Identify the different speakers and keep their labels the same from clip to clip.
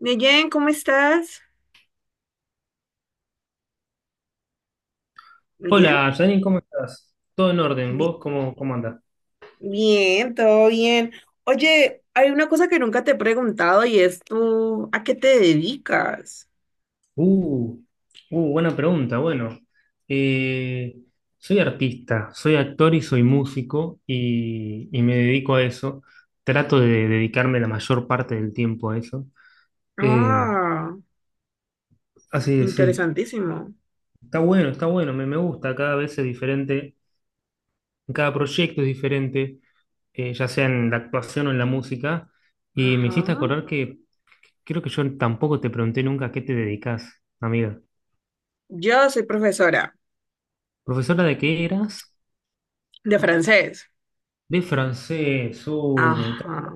Speaker 1: Neyen, ¿cómo estás? Bien,
Speaker 2: Hola, Janine, ¿cómo estás? ¿Todo en orden?
Speaker 1: Bi-
Speaker 2: ¿Vos cómo andás?
Speaker 1: bien, todo bien. Oye, hay una cosa que nunca te he preguntado y es tú, ¿a qué te dedicas?
Speaker 2: Uh, Buena pregunta. Bueno, eh, soy artista, soy actor y soy músico y me dedico a eso. Trato de dedicarme la mayor parte del tiempo a eso. Eh,
Speaker 1: Ah.
Speaker 2: Así que sí,
Speaker 1: Interesantísimo.
Speaker 2: está bueno, me gusta. Cada vez es diferente, cada proyecto es diferente, ya sea en la actuación o en la música. Y me
Speaker 1: Ajá.
Speaker 2: hiciste acordar que creo que yo tampoco te pregunté nunca a qué te dedicas, amiga.
Speaker 1: Yo soy profesora
Speaker 2: ¿Profesora de qué eras?
Speaker 1: de francés.
Speaker 2: De francés. Me encanta,
Speaker 1: Ajá.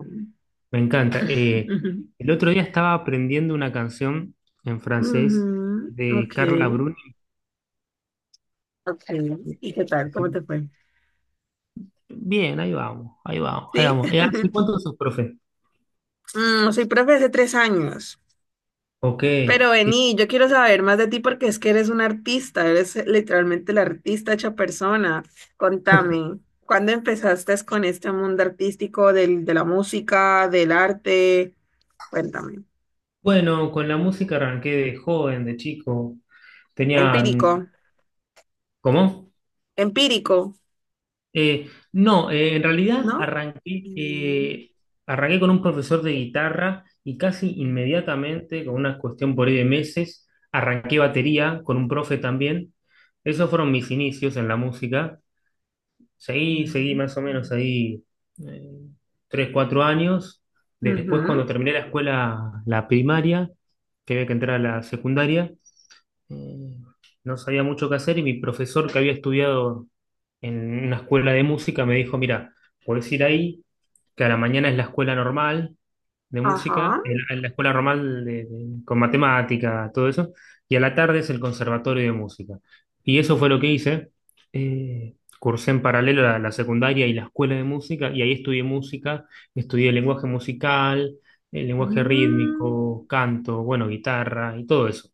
Speaker 2: me encanta. El otro día estaba aprendiendo una canción en francés
Speaker 1: Ujú,
Speaker 2: de
Speaker 1: ok,
Speaker 2: Carla Bruni.
Speaker 1: ok. ¿Y qué tal? ¿Cómo te fue?
Speaker 2: Bien, ahí vamos, ahí vamos, ahí
Speaker 1: Sí.
Speaker 2: vamos. ¿Hace cuánto sos profe?
Speaker 1: Soy profe hace 3 años.
Speaker 2: Ok.
Speaker 1: Pero
Speaker 2: Y
Speaker 1: vení, yo quiero saber más de ti porque es que eres un artista, eres literalmente la artista hecha persona. Contame, ¿cuándo empezaste con este mundo artístico de la música, del arte? Cuéntame.
Speaker 2: bueno, con la música arranqué de joven, de chico.
Speaker 1: Empírico,
Speaker 2: Tenían... ¿Cómo?
Speaker 1: empírico,
Speaker 2: No,
Speaker 1: ¿no? Mm.
Speaker 2: arranqué con un profesor de guitarra y casi inmediatamente, con una cuestión por ahí de meses, arranqué batería con un profe también. Esos fueron mis inicios en la música. Seguí más o
Speaker 1: Mm.
Speaker 2: menos ahí eh, tres, cuatro años. Después, cuando
Speaker 1: Ujú,
Speaker 2: terminé la escuela, la primaria, que había que entrar a la secundaria, eh, no sabía mucho qué hacer y mi profesor que había estudiado en una escuela de música, me dijo, mira, podés ir ahí, que a la mañana es la escuela normal de música,
Speaker 1: ajá.
Speaker 2: la escuela normal con matemática, todo eso, y a la tarde es el conservatorio de música. Y eso fue lo que hice. eh, cursé en paralelo la secundaria y la escuela de música, y ahí estudié música, estudié lenguaje musical, el lenguaje
Speaker 1: Mm,
Speaker 2: rítmico, canto, bueno, guitarra y todo eso.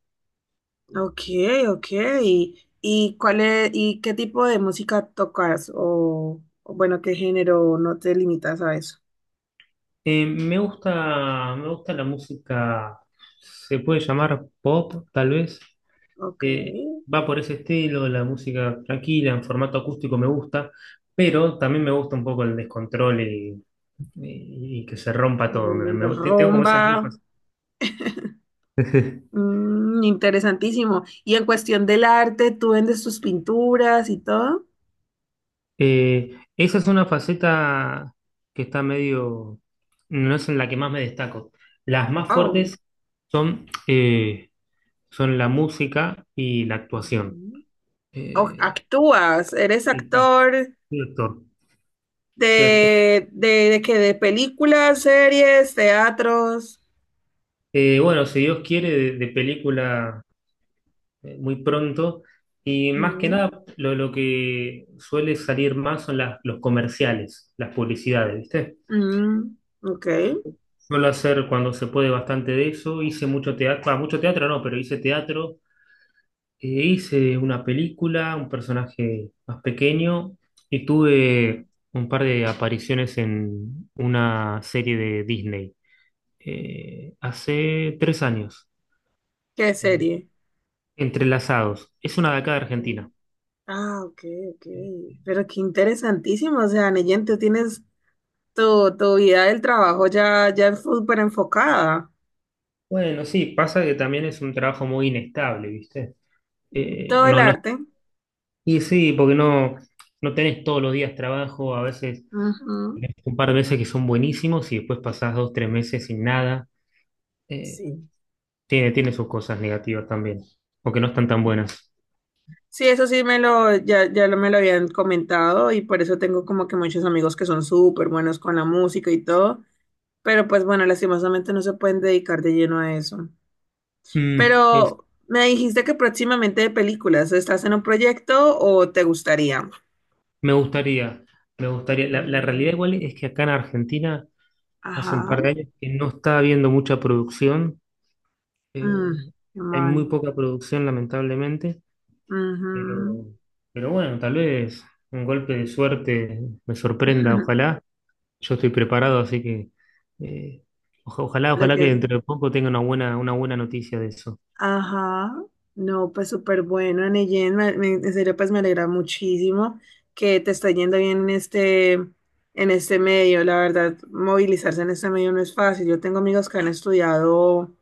Speaker 1: ok, ok. ¿Y cuál es, y qué tipo de música tocas? O bueno, ¿qué género? ¿No te limitas a eso?
Speaker 2: Me gusta, me gusta la música, se puede llamar pop, tal vez.
Speaker 1: Ok.
Speaker 2: Eh, Va por ese estilo, la música tranquila, en formato acústico me gusta, pero también me gusta un poco el descontrol y que se rompa todo.
Speaker 1: Mm,
Speaker 2: Tengo como esas dos
Speaker 1: rumba.
Speaker 2: facetas.
Speaker 1: Interesantísimo. Y en cuestión del arte, ¿tú vendes tus pinturas y todo?
Speaker 2: Esa es una faceta que está medio, no es en la que más me destaco. Las más
Speaker 1: Oh.
Speaker 2: fuertes son, son la música y la actuación.
Speaker 1: Ujú.
Speaker 2: Eh,
Speaker 1: Actúas, eres
Speaker 2: Sí, sí,
Speaker 1: actor
Speaker 2: soy actor, soy actor.
Speaker 1: de que de películas, series, teatros.
Speaker 2: Bueno, si Dios quiere, de película muy pronto. Y más que
Speaker 1: Mm,
Speaker 2: nada, lo que suele salir más son las, los comerciales, las publicidades, ¿viste?
Speaker 1: mm, ok.
Speaker 2: Suelo hacer cuando se puede bastante de eso. Hice mucho teatro no, pero hice teatro. Hice una película, un personaje más pequeño. Y tuve un par de apariciones en una serie de Disney hace tres años.
Speaker 1: ¿Qué
Speaker 2: Eh,
Speaker 1: serie?
Speaker 2: Entrelazados. Es una de acá de
Speaker 1: Mm,
Speaker 2: Argentina.
Speaker 1: ah, ok, ok. Pero qué interesantísimo. O sea, Neyen, tú tienes tu vida del trabajo ya, ya súper enfocada.
Speaker 2: Bueno, sí, pasa que también es un trabajo muy inestable, ¿viste? Eh,
Speaker 1: Todo el
Speaker 2: no, no,
Speaker 1: arte.
Speaker 2: y sí, porque no tenés todos los días trabajo, a veces
Speaker 1: Ujú.
Speaker 2: un par de meses que son buenísimos y después pasás dos, tres meses sin nada. Eh,
Speaker 1: Sí.
Speaker 2: tiene, tiene sus cosas negativas también, o que no están tan buenas.
Speaker 1: Sí, eso sí me lo, ya, ya lo me lo habían comentado y por eso tengo como que muchos amigos que son súper buenos con la música y todo, pero pues bueno, lastimosamente no se pueden dedicar de lleno a eso.
Speaker 2: Mm, es-
Speaker 1: Pero me dijiste que próximamente de películas, ¿estás en un proyecto o te gustaría?
Speaker 2: Me gustaría, me gustaría. La realidad igual
Speaker 1: Mm,
Speaker 2: es que acá en Argentina hace un
Speaker 1: ajá.
Speaker 2: par de años que no está habiendo mucha producción.
Speaker 1: Mm,
Speaker 2: Eh,
Speaker 1: qué
Speaker 2: Hay muy
Speaker 1: mal.
Speaker 2: poca producción, lamentablemente,
Speaker 1: Ujú.
Speaker 2: pero, pero bueno, tal vez un golpe de suerte me sorprenda, ojalá. Yo estoy preparado, así que eh, ojalá,
Speaker 1: Lo
Speaker 2: ojalá que
Speaker 1: que
Speaker 2: dentro de poco tenga una buena noticia de eso.
Speaker 1: ajá, no, pues súper bueno, Neyen, en serio, pues me alegra muchísimo que te está yendo bien en este medio, la verdad, movilizarse en este medio no es fácil, yo tengo amigos que han estudiado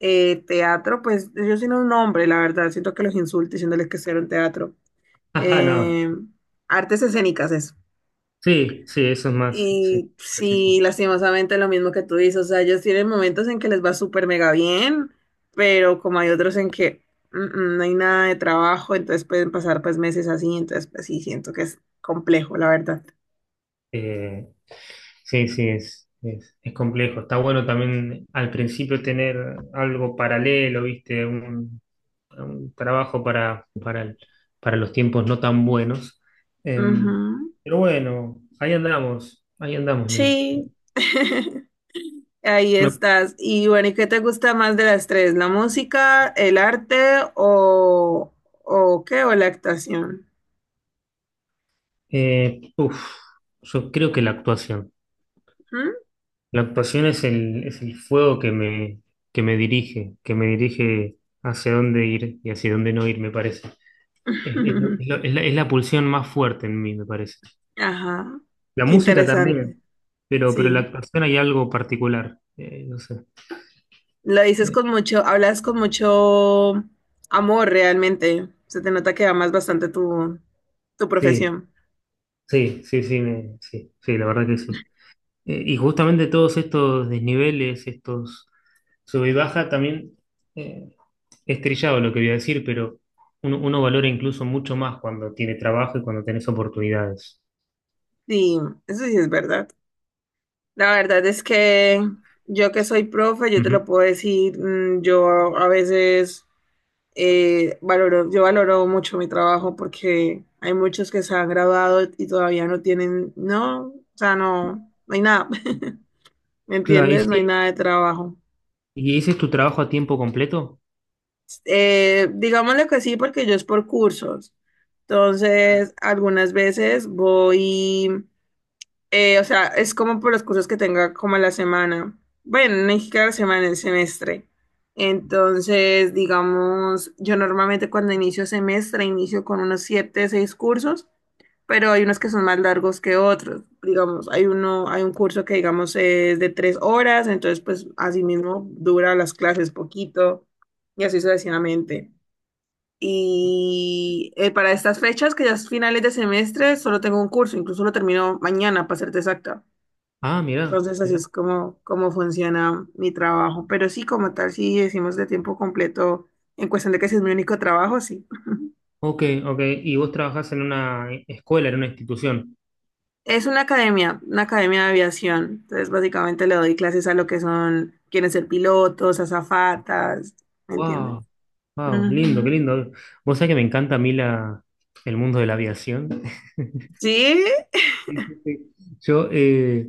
Speaker 1: teatro, pues yo sin un nombre, la verdad, siento que los insulto diciéndoles que hicieron teatro.
Speaker 2: Ajá, no.
Speaker 1: Eh, artes escénicas es.
Speaker 2: Sí, sí, eso es más, sí,
Speaker 1: Y
Speaker 2: preciso.
Speaker 1: sí, lastimosamente lo mismo que tú dices, o sea, ellos tienen momentos en que les va súper mega bien, pero como hay otros en que no hay nada de trabajo, entonces pueden pasar pues meses así, entonces pues sí, siento que es complejo, la verdad.
Speaker 2: Eh, sí, sí, es complejo. Está bueno también al principio tener algo paralelo, ¿viste? Un trabajo para, para los tiempos no tan buenos. Em,
Speaker 1: Ujú.
Speaker 2: pero bueno, ahí andamos, ahí andamos.
Speaker 1: Sí. Ahí
Speaker 2: Me-
Speaker 1: estás. Y bueno, ¿y qué te gusta más de las tres? ¿La música, el arte o, o qué? ¿O la actuación?
Speaker 2: Uf, yo creo que la actuación.
Speaker 1: ¿Mm?
Speaker 2: La actuación es el fuego que me dirige hacia dónde ir y hacia dónde no ir, me parece. Es, es la pulsión más fuerte en mí, me parece.
Speaker 1: Ajá,
Speaker 2: La
Speaker 1: qué
Speaker 2: música
Speaker 1: interesante,
Speaker 2: también, pero la
Speaker 1: sí.
Speaker 2: actuación hay algo particular. Eh, no sé.
Speaker 1: Lo dices
Speaker 2: Eh,
Speaker 1: con mucho, hablas con mucho amor realmente. Se te nota que amas bastante tu
Speaker 2: Sí.
Speaker 1: profesión.
Speaker 2: Sí, sí, sí, sí, sí, la verdad que sí. Y justamente todos estos desniveles, estos sube y baja, también eh, es trillado lo que voy a decir, pero uno valora incluso mucho más cuando tiene trabajo y cuando tenés oportunidades.
Speaker 1: Sí, eso sí es verdad. La verdad es que yo que soy profe, yo te lo
Speaker 2: Ujú.
Speaker 1: puedo decir, yo a veces yo valoro mucho mi trabajo porque hay muchos que se han graduado y todavía no tienen, no, o sea, no, no hay nada. ¿Me
Speaker 2: Claro, ¿y
Speaker 1: entiendes? No hay nada de trabajo.
Speaker 2: y ese es tu trabajo a tiempo completo?
Speaker 1: Digámosle que sí, porque yo es por cursos. Entonces, algunas veces voy, o sea, es como por los cursos que tenga como a la semana. Bueno, no es que a la semana, el semestre. Entonces, digamos, yo normalmente cuando inicio semestre inicio con unos siete, seis cursos, pero hay unos que son más largos que otros. Digamos, hay un curso que digamos es de 3 horas, entonces pues así mismo dura las clases poquito y así sucesivamente. Y para estas fechas, que ya es finales de semestre, solo tengo un curso, incluso lo termino mañana, para serte exacta.
Speaker 2: Ah, mirá,
Speaker 1: Entonces, así
Speaker 2: mirá.
Speaker 1: es como funciona mi trabajo. Pero sí, como tal, sí decimos de tiempo completo, en cuestión de que si es mi único trabajo, sí.
Speaker 2: Ok, ok. Y vos trabajás en una escuela, en una institución.
Speaker 1: Es una academia de aviación. Entonces, básicamente le doy clases a lo que son, quieren ser pilotos, azafatas, ¿me entiendes?
Speaker 2: Wow, wow, lindo, qué
Speaker 1: Ujú.
Speaker 2: lindo. Vos sabés que me encanta a mí el mundo de la aviación.
Speaker 1: Sí,
Speaker 2: Sí, sí, sí. Yo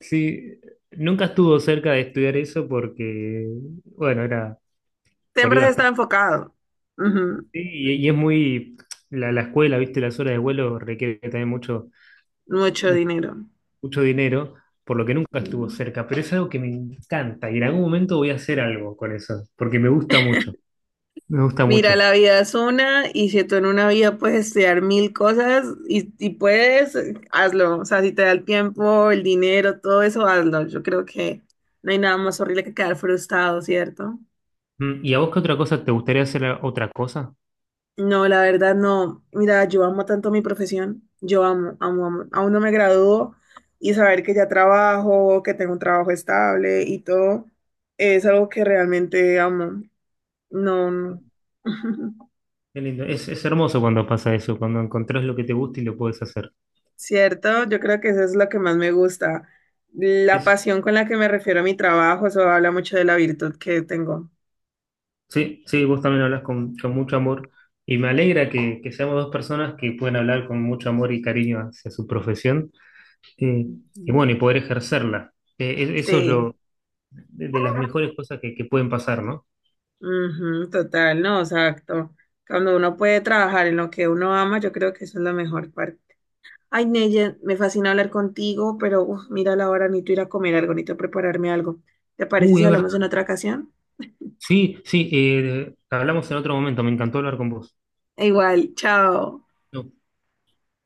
Speaker 2: sí, nunca estuvo cerca de estudiar eso porque, bueno, era por ahí
Speaker 1: siempre se está
Speaker 2: bastante.
Speaker 1: enfocado.
Speaker 2: Sí,
Speaker 1: Ujú.
Speaker 2: y es muy, la escuela, viste, las horas de vuelo requiere también mucho,
Speaker 1: Mucho
Speaker 2: mucho,
Speaker 1: dinero.
Speaker 2: mucho dinero, por lo que nunca estuvo
Speaker 1: Ujú.
Speaker 2: cerca, pero es algo que me encanta y en algún momento voy a hacer algo con eso, porque me gusta mucho, me gusta
Speaker 1: Mira,
Speaker 2: mucho.
Speaker 1: la vida es una y si tú en una vida puedes estudiar mil cosas y puedes, hazlo. O sea, si te da el tiempo, el dinero, todo eso, hazlo. Yo creo que no hay nada más horrible que quedar frustrado, ¿cierto?
Speaker 2: Mm, ¿y a vos qué otra cosa? ¿Te gustaría hacer otra cosa?
Speaker 1: No, la verdad no. Mira, yo amo tanto mi profesión. Yo amo, amo, amo. Aún no me gradúo y saber que ya trabajo, que tengo un trabajo estable y todo, es algo que realmente amo. No, no.
Speaker 2: Qué lindo. Es hermoso cuando pasa eso, cuando encontrás lo que te gusta y lo puedes hacer.
Speaker 1: Cierto, yo creo que eso es lo que más me gusta. La pasión con la que me refiero a mi trabajo, eso habla mucho de la virtud que tengo.
Speaker 2: Sí, sí, vos también hablas con mucho amor y me alegra que seamos dos personas que pueden hablar con mucho amor y cariño hacia su profesión eh, y
Speaker 1: Ujú.
Speaker 2: bueno, y poder ejercerla. Eso es
Speaker 1: Sí,
Speaker 2: lo de las mejores cosas que pueden pasar, ¿no?
Speaker 1: ujú, total, no, exacto. Cuando uno puede trabajar en lo que uno ama, yo creo que eso es la mejor parte. Ay, Neye, me fascina hablar contigo, pero uf, mira la hora, necesito ir a comer algo, necesito prepararme algo. ¿Te parece
Speaker 2: Uy,
Speaker 1: si
Speaker 2: es verdad.
Speaker 1: hablamos en otra ocasión?
Speaker 2: Sí, sí, hablamos en otro momento, me encantó hablar con vos.
Speaker 1: E igual, chao.